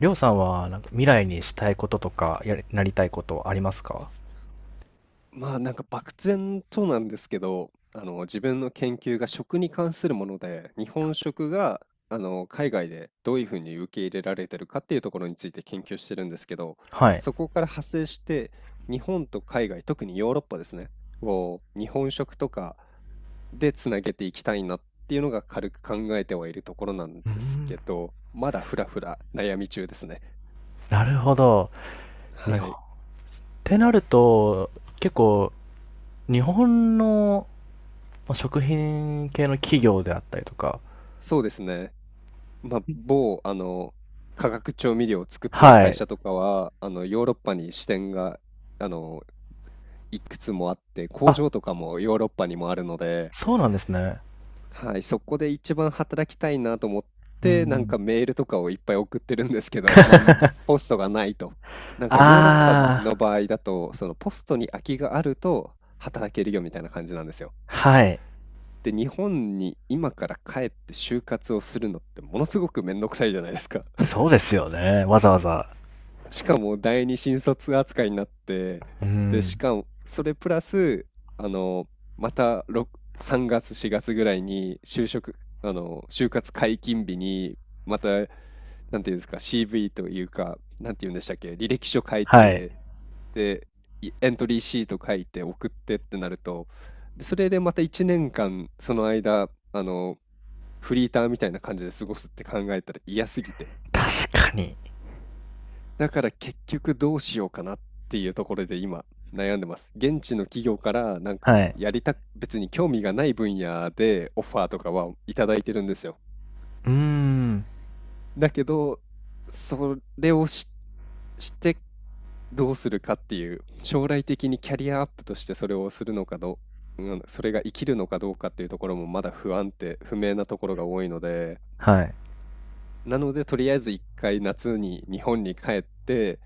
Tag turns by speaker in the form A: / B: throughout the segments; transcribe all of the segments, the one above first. A: りょうさんはなんか未来にしたいこととかやりなりたいことありますか？
B: まあなんか漠然となんですけど、自分の研究が食に関するもので、日本食が海外でどういうふうに受け入れられてるかっていうところについて研究してるんですけど、
A: はい。
B: そこから派生して日本と海外、特にヨーロッパですね、を日本食とかでつなげていきたいなっていうのが軽く考えてはいるところなんで
A: うー
B: す
A: ん。
B: けど、まだふらふら悩み中ですね。
A: なるほど。日
B: は
A: 本っ
B: い、
A: てなると、結構、日本の、まあ食品系の企業であったりとか。
B: そうですね。まあ、某、化学調味料を作ってる
A: は
B: 会
A: い。
B: 社とかは、ヨーロッパに支店が、あの、いくつもあって、工
A: あ、
B: 場とかもヨーロッパにもあるので、
A: そうなんですね。
B: はい、そこで一番働きたいなと思っ
A: う
B: て、なん
A: ん。
B: かメールとかをいっぱい送ってるんですけど、まあ、ポストがないと。なんかヨーロッパ
A: あ
B: の
A: あ、
B: 場合だと、そのポストに空きがあると働けるよみたいな感じなんですよ。
A: はい。
B: で、日本に今から帰って就活をするのってものすごくめんどくさいじゃないですか。
A: そうですよね。わざわざ。
B: しかも第二新卒扱いになって、
A: う
B: で、し
A: ん。
B: かも、それプラス、あの、また6 3月、4月ぐらいに就職、就活解禁日に、また、なんていうんですか、CV というか、なんていうんでしたっけ、履歴書書い
A: はい。
B: て、で、エントリーシート書いて送ってってなると、でそれでまた1年間、その間、フリーターみたいな感じで過ごすって考えたら嫌すぎて。
A: 確かに。
B: だから結局どうしようかなっていうところで今悩んでます。現地の企業からなん
A: は
B: か
A: い。
B: やりたく、別に興味がない分野でオファーとかはいただいてるんですよ。
A: うーん。
B: だけど、それをし、してどうするかっていう、将来的にキャリアアップとしてそれをするのかどう、うん、それが生きるのかどうかっていうところもまだ不安定、不明なところが多いので、
A: はい。
B: なのでとりあえず一回夏に日本に帰って、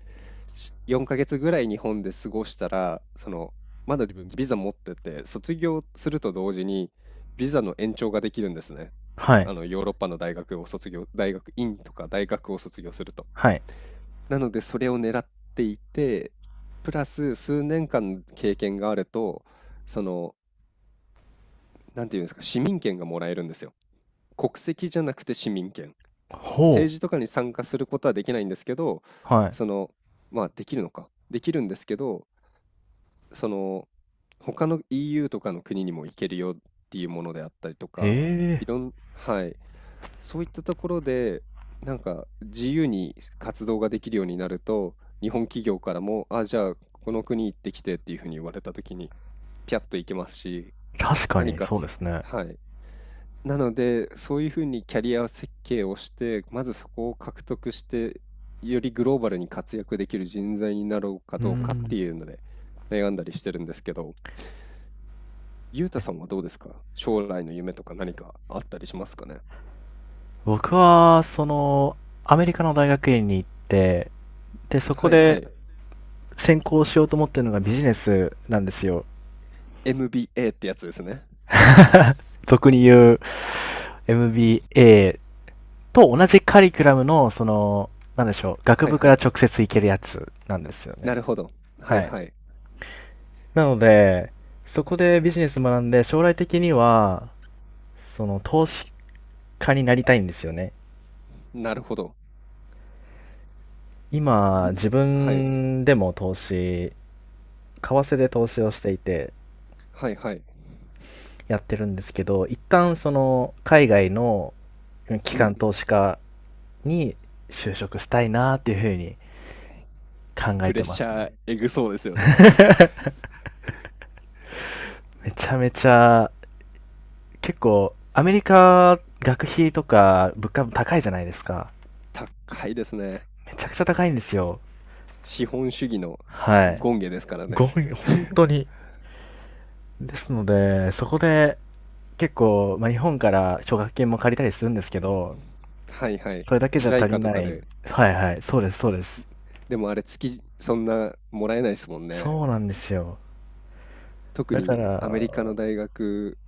B: 4ヶ月ぐらい日本で過ごしたら、その、まだ自分ビザ持ってて、卒業すると同時に、ビザの延長ができるんですね。
A: はい。
B: ヨーロッパの大学を卒業、大学院とか大学を卒業すると。
A: はい。
B: なので、それを狙っていて、プラス数年間経験があると、その、なんていうんですか、市民権がもらえるんですよ。国籍じゃなくて市民権。
A: ほ
B: 政治とかに参加することはできないんですけど、
A: う。はい。
B: その、まあできるのか。できるんですけど、その他の EU とかの国にも行けるよっていうものであったりと
A: え
B: か、
A: え。
B: いろん、はい、そういったところで、なんか自由に活動ができるようになると、日本企業からも、あ、じゃあこの国行ってきてっていうふうに言われたときに、ピャッと行けますし、
A: 確か
B: 何
A: に、
B: か
A: そう
B: つ、
A: ですね。
B: はい。なので、そういうふうにキャリア設計をして、まずそこを獲得して、よりグローバルに活躍できる人材になろうか
A: うー
B: どうかって
A: ん。
B: いうので、悩んだりしてるんですけど、ゆうたさんはどうですか？将来の夢とか何かあったりしますかね？
A: 僕は、その、アメリカの大学院に行って、で、そこ
B: はいは
A: で
B: い。
A: 専攻しようと思ってるのがビジネスなんですよ。
B: MBA ってやつですね。
A: 俗に言う MBA と同じカリキュラムの、その、なんでしょう、学
B: はい
A: 部か
B: は
A: ら
B: い。
A: 直接行けるやつなんですよ
B: な
A: ね。
B: るほど。は
A: は
B: い
A: い。
B: はい。
A: なので、そこでビジネス学んで、将来的には、その、投資家になりたいんですよね。
B: なるほど。
A: 今、
B: ん
A: 自
B: はい
A: 分でも投資、為替で投資をしていて
B: はいはい。
A: やってるんですけど、一旦その海外の機
B: う
A: 関
B: ん。
A: 投資家に就職したいなっていうふうに考え
B: プレ
A: て
B: ッ
A: ます。
B: シャーえぐそうですよね。
A: めちゃめちゃ。結構アメリカ学費とか物価も高いじゃないですか。
B: 高いですね。
A: めちゃくちゃ高いんですよ。
B: 資本主義の
A: はい。
B: 権下ですから
A: ご
B: ね。
A: め、本当にですので、そこで結構、まあ、日本から奨学金も借りたりするんですけど、
B: はいはい。
A: それだけじゃ足り
B: JICA と
A: な
B: か
A: い。
B: で。
A: はいはい、そうですそうです。
B: でもあれ月そんなもらえないですもんね。
A: そうなんですよ。
B: 特
A: だか
B: にアメリカ
A: ら、
B: の大学っ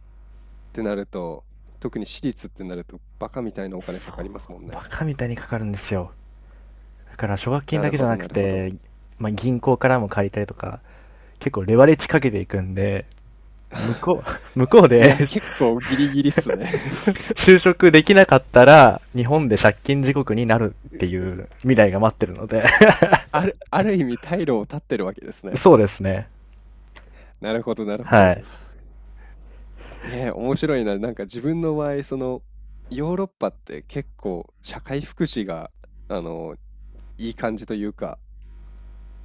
B: てなると、特に私立ってなるとバカみたいなお金か
A: そう、
B: かりますもん
A: バ
B: ね。
A: カみたいにかかるんですよ。だから、奨学金
B: な
A: だ
B: る
A: けじ
B: ほ
A: ゃ
B: ど、
A: な
B: な
A: く
B: るほど。
A: て、まあ、銀行からも借りたりとか、結構レバレッジかけていくんで、向こう、向こう
B: い
A: で
B: や、結構ギリギリっすね。
A: 就職できなかったら、日本で借金地獄になるってい う未来が待ってるので、
B: ある意味退路を断ってるわけです ね。
A: そうですね。
B: なるほど、なるほ
A: は
B: ど。
A: い。
B: 面白いな。なんか自分の場合、その、ヨーロッパって結構社会福祉が、あの、いい感じというか、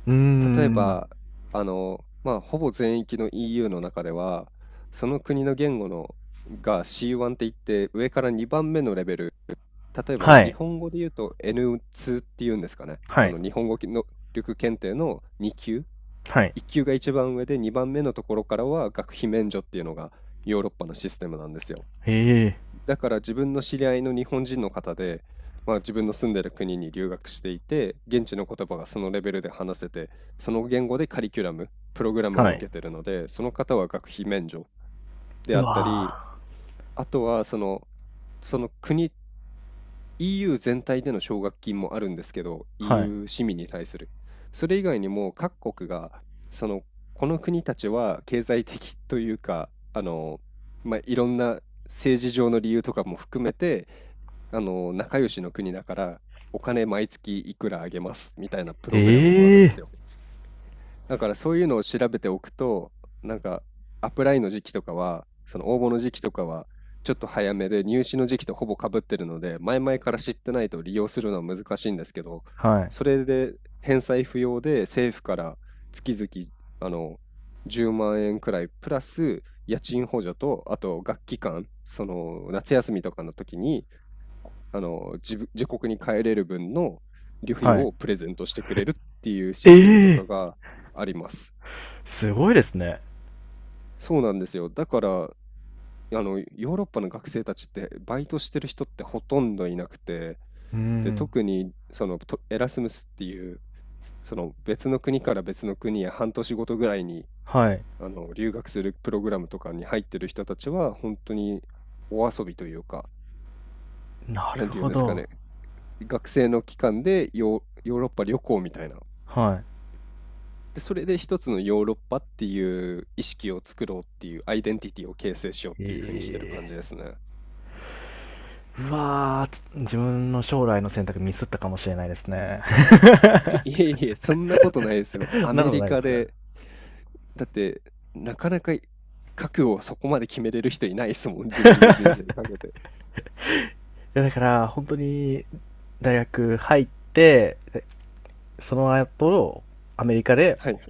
A: うー
B: 例え
A: ん。
B: ば、まあ、ほぼ全域の EU の中では、その国の言語のが C1 って言って、上から2番目のレベル。例えば
A: は
B: 日
A: い。
B: 本語で言うと N2 っていうんですかね。
A: は
B: そ
A: い。
B: の日本語能力検定の2級、
A: はい。
B: 1級が一番上で2番目のところからは学費免除っていうのがヨーロッパのシステムなんですよ。
A: ええ。
B: だから自分の知り合いの日本人の方で、まあ、自分の住んでる国に留学していて、現地の言葉がそのレベルで話せて、その言語でカリキュラム、プログラム
A: は
B: を
A: い。
B: 受けてるので、その方は学費免除で
A: う
B: あったり、
A: わ
B: あとは、その国、EU 全体での奨学金もあるんですけど、
A: ぁ。はい。
B: EU 市民に対する。それ以外にも各国が、その、この国たちは経済的というか、まあ、いろんな政治上の理由とかも含めて、仲良しの国だから、お金毎月いくらあげますみたいなプログラムもあるんで
A: ええ。
B: すよ。だからそういうのを調べておくと、なんかアップライの時期とかは、その応募の時期とかは、ちょっと早めで入試の時期とほぼかぶってるので、前々から知ってないと利用するのは難しいんですけど、
A: はい。
B: それで返済不要で政府から月々あの10万円くらいプラス家賃補助と、あと学期間、その夏休みとかの時に自国に帰れる分の旅費
A: はい。
B: をプレゼントしてくれるっていうシ
A: え
B: ステムとか
A: え。
B: があります。
A: すごいですね。
B: そうなんですよ。だから、ヨーロッパの学生たちってバイトしてる人ってほとんどいなくて、
A: うー
B: で、
A: ん。
B: 特にそのとエラスムスっていう、その別の国から別の国へ半年ごとぐらいに
A: はい。
B: 留学するプログラムとかに入ってる人たちは本当にお遊びというか、
A: な
B: なん
A: る
B: ていう
A: ほ
B: んですか
A: ど。
B: ね、学生の期間でヨーロッパ旅行みたいな。
A: は
B: で、それで一つのヨーロッパっていう意識を作ろうっていうアイデンティティを形成しようっ
A: い。
B: ていう風にしてる
A: え
B: 感じ
A: え。
B: ですね。
A: うわ、自分の将来の選択ミスったかもしれないですね。
B: いえいえ、そんなことないですよ。ア
A: そんな
B: メ
A: こと
B: リ
A: ないで
B: カ
A: すか？い
B: で、だってなかなか覚悟をそこまで決めれる人いないですもん、自分の人生にかけて。
A: や、だから本当に大学入って、でその後、アメリカで
B: はい、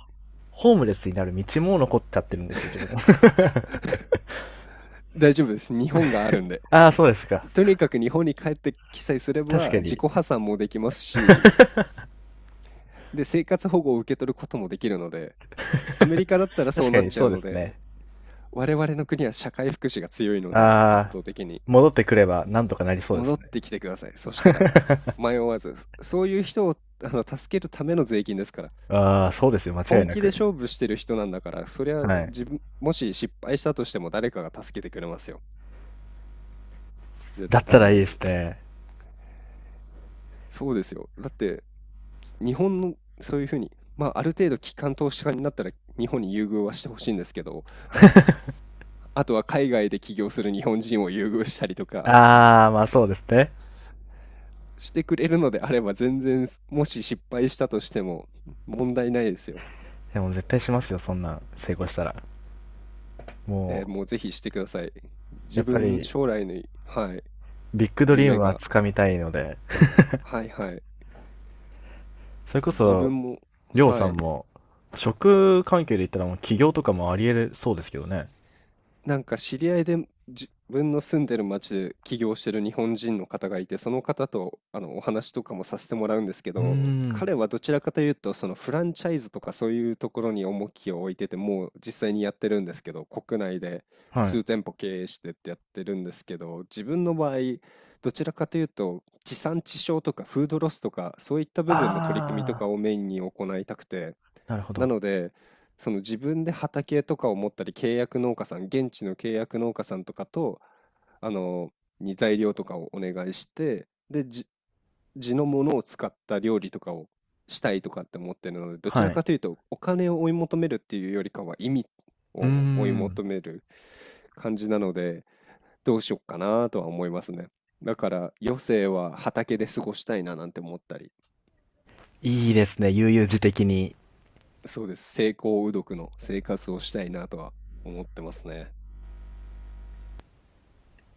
A: ホームレスになる道も残っちゃってるんですよ、自分は。
B: 大丈夫です。日本があるんで。
A: ああ、そうですか。
B: とにかく日本に帰ってきさえすれ
A: 確
B: ば
A: か
B: 自己
A: に。
B: 破産もできますし、で、生活保護を受け取ることもできるので、アメリカだったらそ
A: 確
B: う
A: か
B: なっ
A: に
B: ち
A: そ
B: ゃ
A: う
B: う
A: で
B: の
A: す
B: で、
A: ね。
B: 我々の国は社会福祉が強いので、圧
A: ああ、
B: 倒的に。
A: 戻ってくればなんとかなりそうです
B: 戻っ
A: ね。
B: てきてください。そしたら迷わず、そういう人を助けるための税金ですから、
A: ああ、そうですよ、間違い
B: 本
A: な
B: 気で
A: く。
B: 勝負してる人なんだから、そりゃ
A: はい。
B: 自分、もし失敗したとしても誰かが助けてくれますよ。絶
A: だった
B: 対
A: らいい
B: に。
A: ですね。
B: そうですよ。だって、日本のそういうふうに、まあ、ある程度、機関投資家になったら日本に優遇はしてほしいんですけど、あとは海外で起業する日本人を優遇したりとか
A: ああ、ま、あそうですね。
B: してくれるのであれば、全然、もし失敗したとしても問題ないですよ。
A: でも絶対しますよ、そんなん成功したら。
B: ええ、
A: も
B: もうぜひしてください。
A: う、や
B: 自
A: っぱ
B: 分
A: り、
B: 将来のはい、
A: ビッグドリー
B: 夢
A: ムは
B: が
A: 掴みたいので、
B: はいはい。
A: それこ
B: 自
A: そ、
B: 分も
A: りょうさ
B: は
A: ん
B: い。
A: も、職関係で言ったらもう起業とかもあり得るそうですけどね。
B: なんか知り合いで、自分の住んでる町で起業してる日本人の方がいて、その方とお話とかもさせてもらうんですけ
A: うー
B: ど、
A: ん。
B: 彼はどちらかというと、そのフランチャイズとかそういうところに重きを置いてて、もう実際にやってるんですけど、国内で
A: はい。
B: 数店舗経営してってやってるんですけど、自分の場合、どちらかというと、地産地消とかフードロスとか、そういった部分の取り組みとか
A: ああ、
B: をメインに行いたくて、
A: なるほ
B: な
A: ど。
B: ので、その自分で畑とかを持ったり、契約農家さん、現地の契約農家さんとかと、あの、に材料とかをお願いして、で、地のものを使った料理とかをしたいとかって思ってるので、どち
A: は
B: ら
A: い。
B: かというと、お金を追い求めるっていうよりかは、意味
A: うー
B: を追い
A: ん。
B: 求める感じなので、どうしよっかなとは思いますね。だから、余生は畑で過ごしたいななんて思ったり。
A: いいですね、悠々自適に。
B: そうです。成功うどくの生活をしたいなとは思ってますね。